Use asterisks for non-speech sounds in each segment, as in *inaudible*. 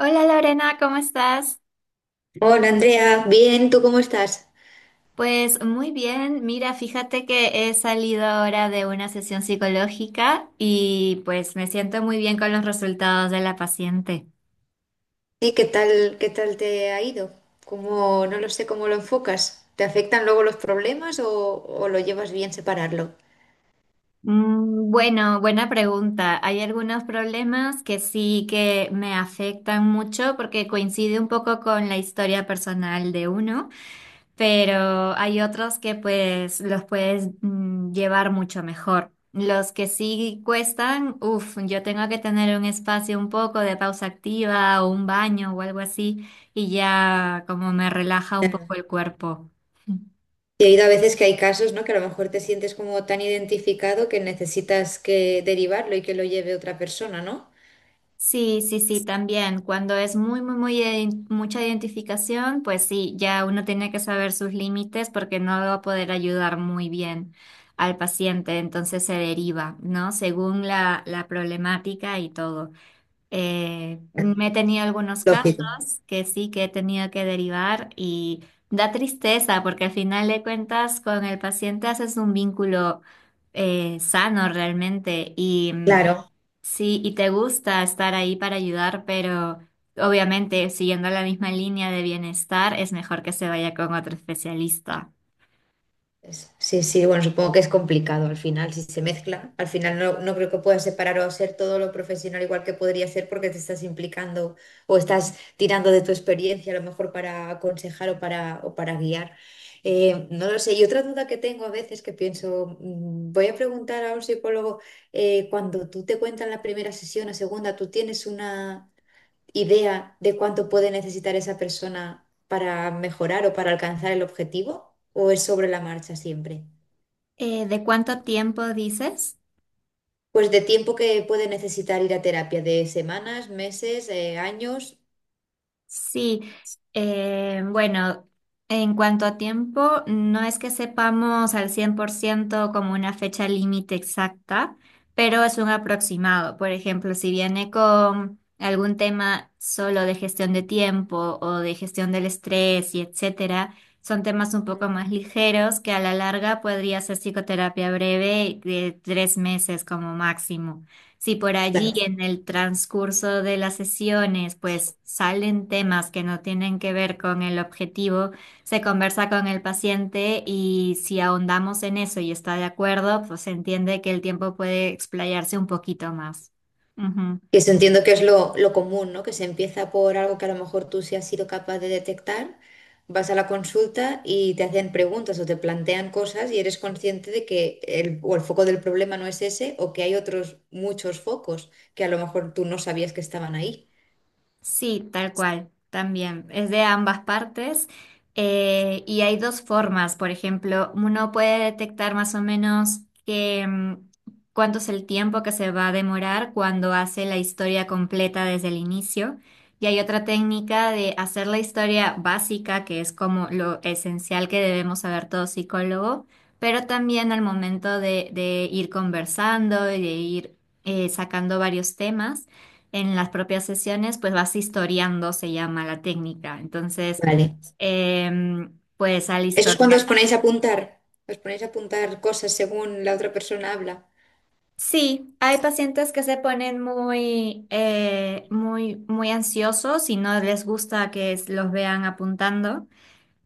Hola Lorena, ¿cómo estás? Hola Andrea, bien, ¿tú cómo estás? Pues muy bien, mira, fíjate que he salido ahora de una sesión psicológica y pues me siento muy bien con los resultados de la paciente. ¿Y qué tal te ha ido? ¿Cómo, no lo sé cómo lo enfocas? ¿Te afectan luego los problemas o lo llevas bien separarlo? Mm, bueno, buena pregunta. Hay algunos problemas que sí que me afectan mucho porque coincide un poco con la historia personal de uno. Pero hay otros que pues los puedes llevar mucho mejor. Los que sí cuestan, uff, yo tengo que tener un espacio un poco de pausa activa o un baño o algo así y ya como me relaja un poco el cuerpo. He oído a veces que hay casos, ¿no? Que a lo mejor te sientes como tan identificado que necesitas que derivarlo y que lo lleve otra persona, ¿no? Sí, sí, sí, también. Cuando es muy, muy, muy mucha identificación, pues sí, ya uno tiene que saber sus límites porque no va a poder ayudar muy bien al paciente, entonces se deriva, ¿no? Según la problemática y todo. Me he tenido algunos casos Lógico. que sí que he tenido que derivar y da tristeza porque al final de cuentas con el paciente haces un vínculo sano realmente y, Claro. sí, y te gusta estar ahí para ayudar, pero obviamente siguiendo la misma línea de bienestar es mejor que se vaya con otro especialista. Sí, sí, bueno, supongo que es complicado al final, si se mezcla. Al final no creo que puedas separar o ser todo lo profesional igual que podría ser porque te estás implicando o estás tirando de tu experiencia a lo mejor para aconsejar o para guiar. No lo sé. Y otra duda que tengo a veces que pienso, voy a preguntar a un psicólogo, cuando tú te cuentas la primera sesión o segunda, ¿tú tienes una idea de cuánto puede necesitar esa persona para mejorar o para alcanzar el objetivo? ¿O es sobre la marcha siempre? ¿De cuánto tiempo dices? Pues de tiempo que puede necesitar ir a terapia, de semanas, meses, años. Sí, bueno, en cuanto a tiempo, no es que sepamos al 100% como una fecha límite exacta, pero es un aproximado. Por ejemplo, si viene con algún tema solo de gestión de tiempo o de gestión del estrés y etcétera, son temas un poco Ujú. más ligeros que a la larga podría ser psicoterapia breve de 3 meses como máximo. Si por allí Claro, en el transcurso de las sesiones pues salen temas que no tienen que ver con el objetivo, se conversa con el paciente y si ahondamos en eso y está de acuerdo, pues se entiende que el tiempo puede explayarse un poquito más. que eso entiendo que es lo común, ¿no? Que se empieza por algo que a lo mejor tú sí has sido capaz de detectar, vas a la consulta y te hacen preguntas o te plantean cosas y eres consciente de que o el foco del problema no es ese, o que hay otros muchos focos que a lo mejor tú no sabías que estaban ahí. Sí, tal cual, también. Es de ambas partes. Y hay dos formas, por ejemplo, uno puede detectar más o menos que, cuánto es el tiempo que se va a demorar cuando hace la historia completa desde el inicio. Y hay otra técnica de hacer la historia básica, que es como lo esencial que debemos saber todo psicólogo, pero también al momento de ir conversando y de ir sacando varios temas en las propias sesiones, pues vas historiando, se llama la técnica. Entonces, Vale. Pues al Eso es cuando historiar. os ponéis a apuntar. Os ponéis a apuntar cosas según la otra persona habla. Sí, hay pacientes que se ponen muy, muy, muy ansiosos y no les gusta que los vean apuntando.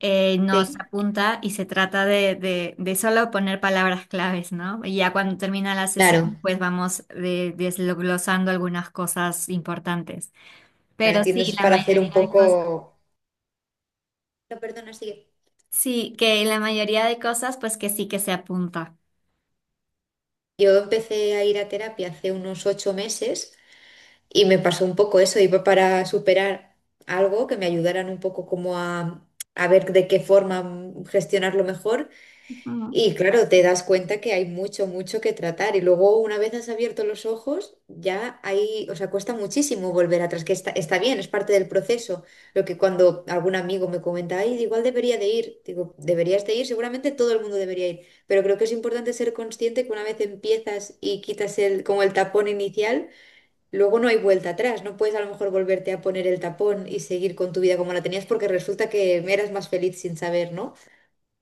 No se Sí, apunta y se trata de solo poner palabras claves, ¿no? Y ya cuando termina la claro. sesión, pues vamos desglosando algunas cosas importantes. Claro, Pero entiendo, sí, eso es la para hacer mayoría un de cosas. poco... No, perdona, sigue. Sí, que en la mayoría de cosas, pues que sí que se apunta. Yo empecé a ir a terapia hace unos 8 meses y me pasó un poco eso. Iba para superar algo que me ayudaran un poco como a ver de qué forma gestionarlo mejor. Ujú. Y claro, te das cuenta que hay mucho, mucho que tratar. Y luego, una vez has abierto los ojos, ya hay, o sea, cuesta muchísimo volver atrás, que está bien, es parte del proceso. Lo que cuando algún amigo me comenta, ay, igual debería de ir, digo, deberías de ir, seguramente todo el mundo debería ir, pero creo que es importante ser consciente que una vez empiezas y quitas como el tapón inicial, luego no hay vuelta atrás. No puedes a lo mejor volverte a poner el tapón y seguir con tu vida como la tenías porque resulta que eras más feliz sin saber, ¿no?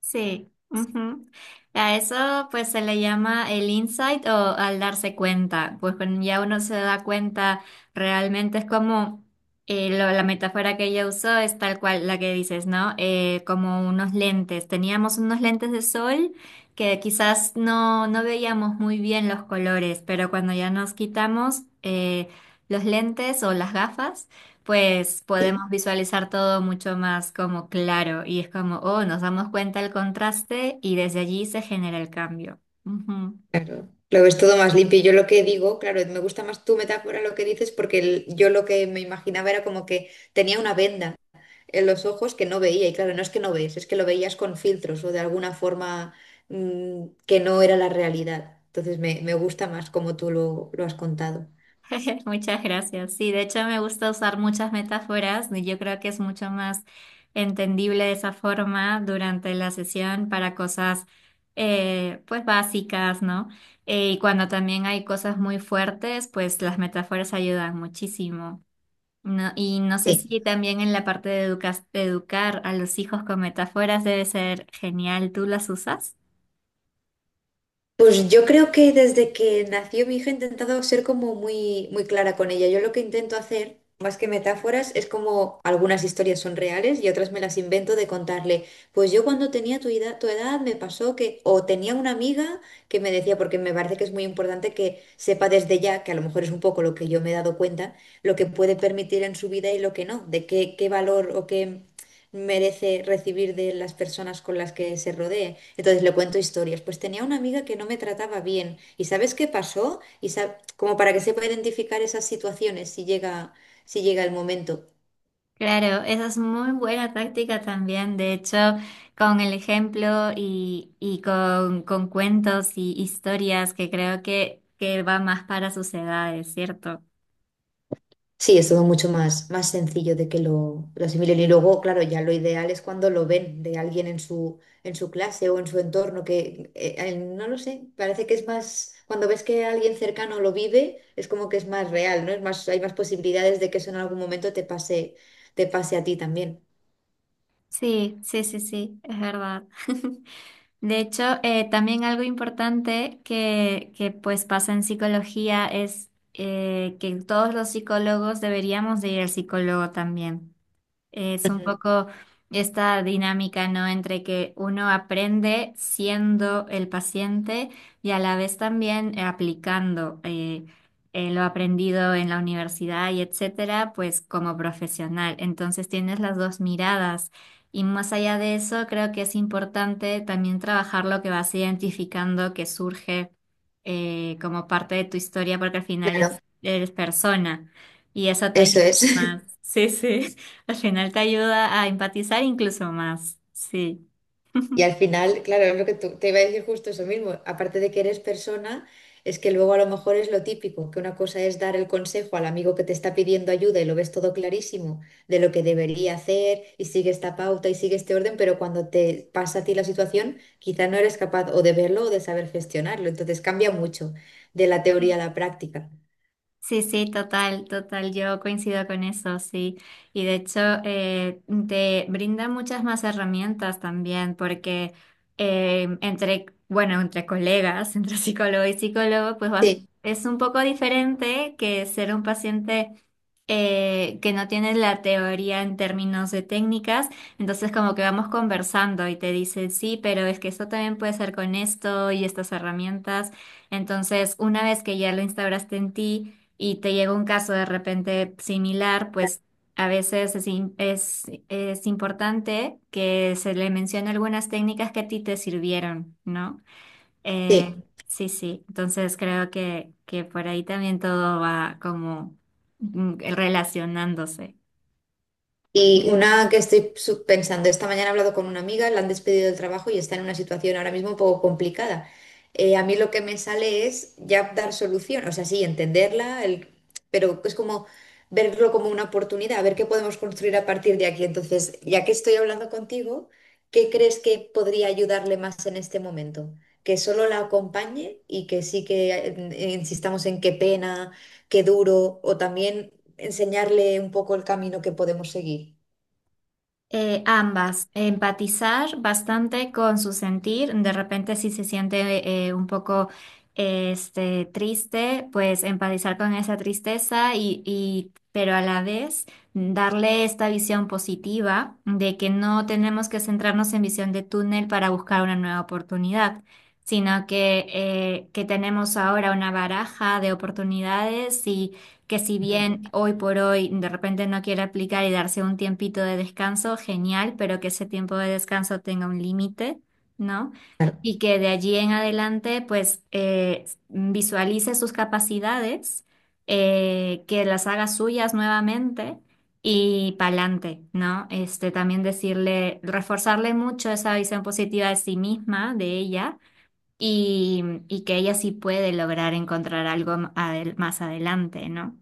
Sí, ujú. A eso pues se le llama el insight o al darse cuenta. Pues cuando ya uno se da cuenta, realmente es como la metáfora que ella usó es tal cual la que dices, ¿no? Como unos lentes. Teníamos unos lentes de sol que quizás no, no veíamos muy bien los colores, pero cuando ya nos quitamos los lentes o las gafas, pues podemos Sí. visualizar todo mucho más como claro y es como, oh, nos damos cuenta del contraste y desde allí se genera el cambio. Ujú. Claro, lo ves todo más limpio. Yo lo que digo, claro, me gusta más tu metáfora lo que dices porque yo lo que me imaginaba era como que tenía una venda en los ojos que no veía. Y claro, no es que no ves, es que lo veías con filtros o de alguna forma que no era la realidad. Entonces me gusta más como tú lo has contado. *laughs* Muchas gracias. Sí, de hecho me gusta usar muchas metáforas y yo creo que es mucho más entendible de esa forma durante la sesión para cosas pues básicas, ¿no? Y cuando también hay cosas muy fuertes, pues las metáforas ayudan muchísimo. No, y no sé Eh, si también en la parte de, de educar a los hijos con metáforas debe ser genial. ¿Tú las usas? Pues yo creo que desde que nació mi hija he intentado ser como muy, muy clara con ella. Yo lo que intento hacer, más que metáforas, es como algunas historias son reales y otras me las invento de contarle. Pues yo cuando tenía tu edad me pasó que, o tenía una amiga que me decía, porque me parece que es muy importante que sepa desde ya, que a lo mejor es un poco lo que yo me he dado cuenta, lo que puede permitir en su vida y lo que no, de qué valor o qué merece recibir de las personas con las que se rodee. Entonces le cuento historias. Pues tenía una amiga que no me trataba bien. ¿Y sabes qué pasó? Como para que sepa identificar esas situaciones si llega el momento. Claro, esa es muy buena táctica también. De hecho, con el ejemplo y con cuentos y historias que creo que va más para sus edades, ¿cierto? Sí, es todo mucho más, más sencillo de que lo asimilen. Y luego, claro, ya lo ideal es cuando lo ven de alguien en en su clase o en su entorno, que no lo sé, parece que es más, cuando ves que alguien cercano lo vive, es como que es más real, ¿no? Es más, hay más posibilidades de que eso en algún momento te pase a ti también. Sí, sí, sí, sí, es verdad. *laughs* De hecho, también algo importante pues pasa en psicología es que todos los psicólogos deberíamos de ir al psicólogo también. Es un Ujú. poco esta dinámica, ¿no? Entre que uno aprende siendo el paciente y a la vez también aplicando lo aprendido en la universidad y etcétera, pues como profesional. Entonces tienes las dos miradas. Y más allá de eso, creo que es importante también trabajar lo que vas identificando que surge como parte de tu historia, porque al final Claro, eres persona y eso te ayuda eso es. más. *laughs* Sí, sí. Al final te ayuda a empatizar incluso más. Sí. Y al final, claro, es lo que te iba a decir justo eso mismo. Aparte de que eres persona, es que luego a lo mejor es lo típico, que una cosa es dar el consejo al amigo que te está pidiendo ayuda y lo ves todo clarísimo de lo que debería hacer y sigue esta pauta y sigue este orden, pero cuando te pasa a ti la situación, quizá no eres capaz o de verlo o de saber gestionarlo. Entonces cambia mucho de la teoría a *laughs* la práctica. Sí, sí, total, total, yo coincido con eso, sí. Y de hecho, te brinda muchas más herramientas también, porque entre, bueno, entre colegas, *laughs* entre psicólogo y psicólogo, pues Sí, es un poco diferente que ser un paciente que no tiene la teoría en términos de técnicas, entonces como que vamos conversando y te dicen, sí, pero es que eso también puede ser con esto y estas herramientas. Entonces, una vez que ya lo instauraste en ti, y te llega un caso de repente similar, pues a veces es importante que se le mencione algunas técnicas que a ti te sirvieron, ¿no? Eh, sí. sí, sí, entonces creo que por ahí también todo va como relacionándose. Y una que estoy pensando, esta mañana he hablado con una amiga, la han despedido del trabajo y está en una situación ahora mismo un poco complicada. A mí lo que me sale es ya dar solución, o sea, sí, entenderla, pero es como verlo como una oportunidad, a ver qué podemos construir a partir de aquí. Entonces, ya que estoy hablando contigo, ¿qué crees que podría ayudarle más en este momento? Que solo la acompañe y que sí que insistamos en qué pena, qué duro, o también enseñarle un poco el camino que podemos seguir. Ambas, empatizar bastante con su sentir, de repente si se siente un poco este, triste, pues empatizar con esa tristeza pero a la vez darle esta visión positiva de que no tenemos que centrarnos en visión de túnel para buscar una nueva oportunidad, sino que tenemos ahora una baraja de oportunidades que si bien Ujú. hoy por hoy de repente no quiere aplicar y darse un tiempito de descanso, genial, pero que ese tiempo de descanso tenga un límite, ¿no? Claro. Y que de allí en adelante, pues, visualice sus capacidades, que las haga suyas nuevamente y pa'lante, ¿no? Este, también decirle, reforzarle mucho esa visión positiva de sí misma, de ella y que ella sí puede lograr encontrar algo más adelante, ¿no?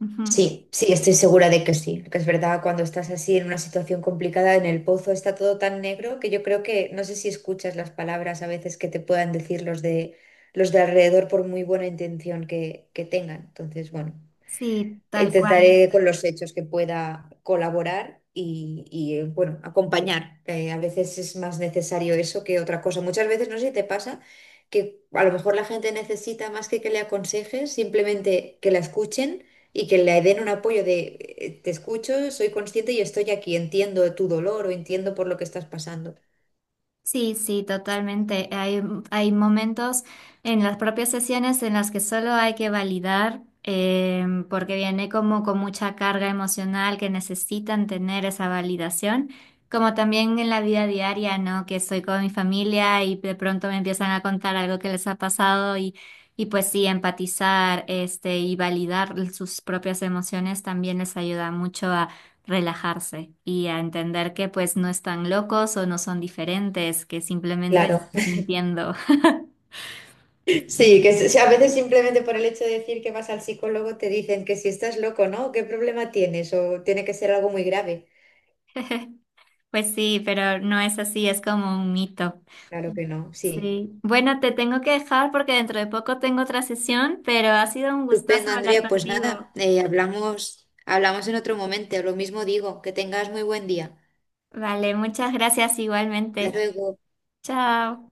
Ujú. Sí, sí, estoy segura de que sí, que es verdad, cuando estás así en una situación complicada, en el pozo está todo tan negro que yo creo que no sé si escuchas las palabras a veces que te puedan decir los de alrededor por muy buena intención que tengan. Entonces, bueno. Sí, tal cual. Intentaré con los hechos que pueda colaborar bueno, acompañar. A veces es más necesario eso que otra cosa. Muchas veces, no sé si te pasa, que a lo mejor la gente necesita más que le aconsejes, simplemente que la escuchen y que le den un apoyo de te escucho, soy consciente y estoy aquí, entiendo tu dolor o entiendo por lo que estás pasando. Sí, sí, totalmente. Hay momentos en las propias sesiones en las que solo hay que validar, porque viene como con mucha carga emocional que necesitan tener esa validación, como también en la vida diaria, ¿no? Que estoy con mi familia y de pronto me empiezan a contar algo que les ha pasado y pues sí, empatizar, este, y validar sus propias emociones también les ayuda mucho relajarse y a entender que pues no están locos o no son diferentes, que simplemente Claro, están sintiendo. *laughs* *laughs* sí, Sí. que a veces simplemente por el hecho de decir que vas al psicólogo te dicen que si estás loco, ¿no? ¿Qué problema tienes? O tiene que ser algo muy grave. *laughs* Pues sí, pero no es así, es como un mito. Claro que no, sí. Sí. Bueno, te tengo que dejar porque dentro de poco tengo otra sesión, pero ha sido un gustazo Estupendo, hablar Andrea. Pues contigo. nada, hablamos en otro momento. Lo mismo digo, que tengas muy buen día. Vale, muchas gracias igualmente. Hasta luego. Chao.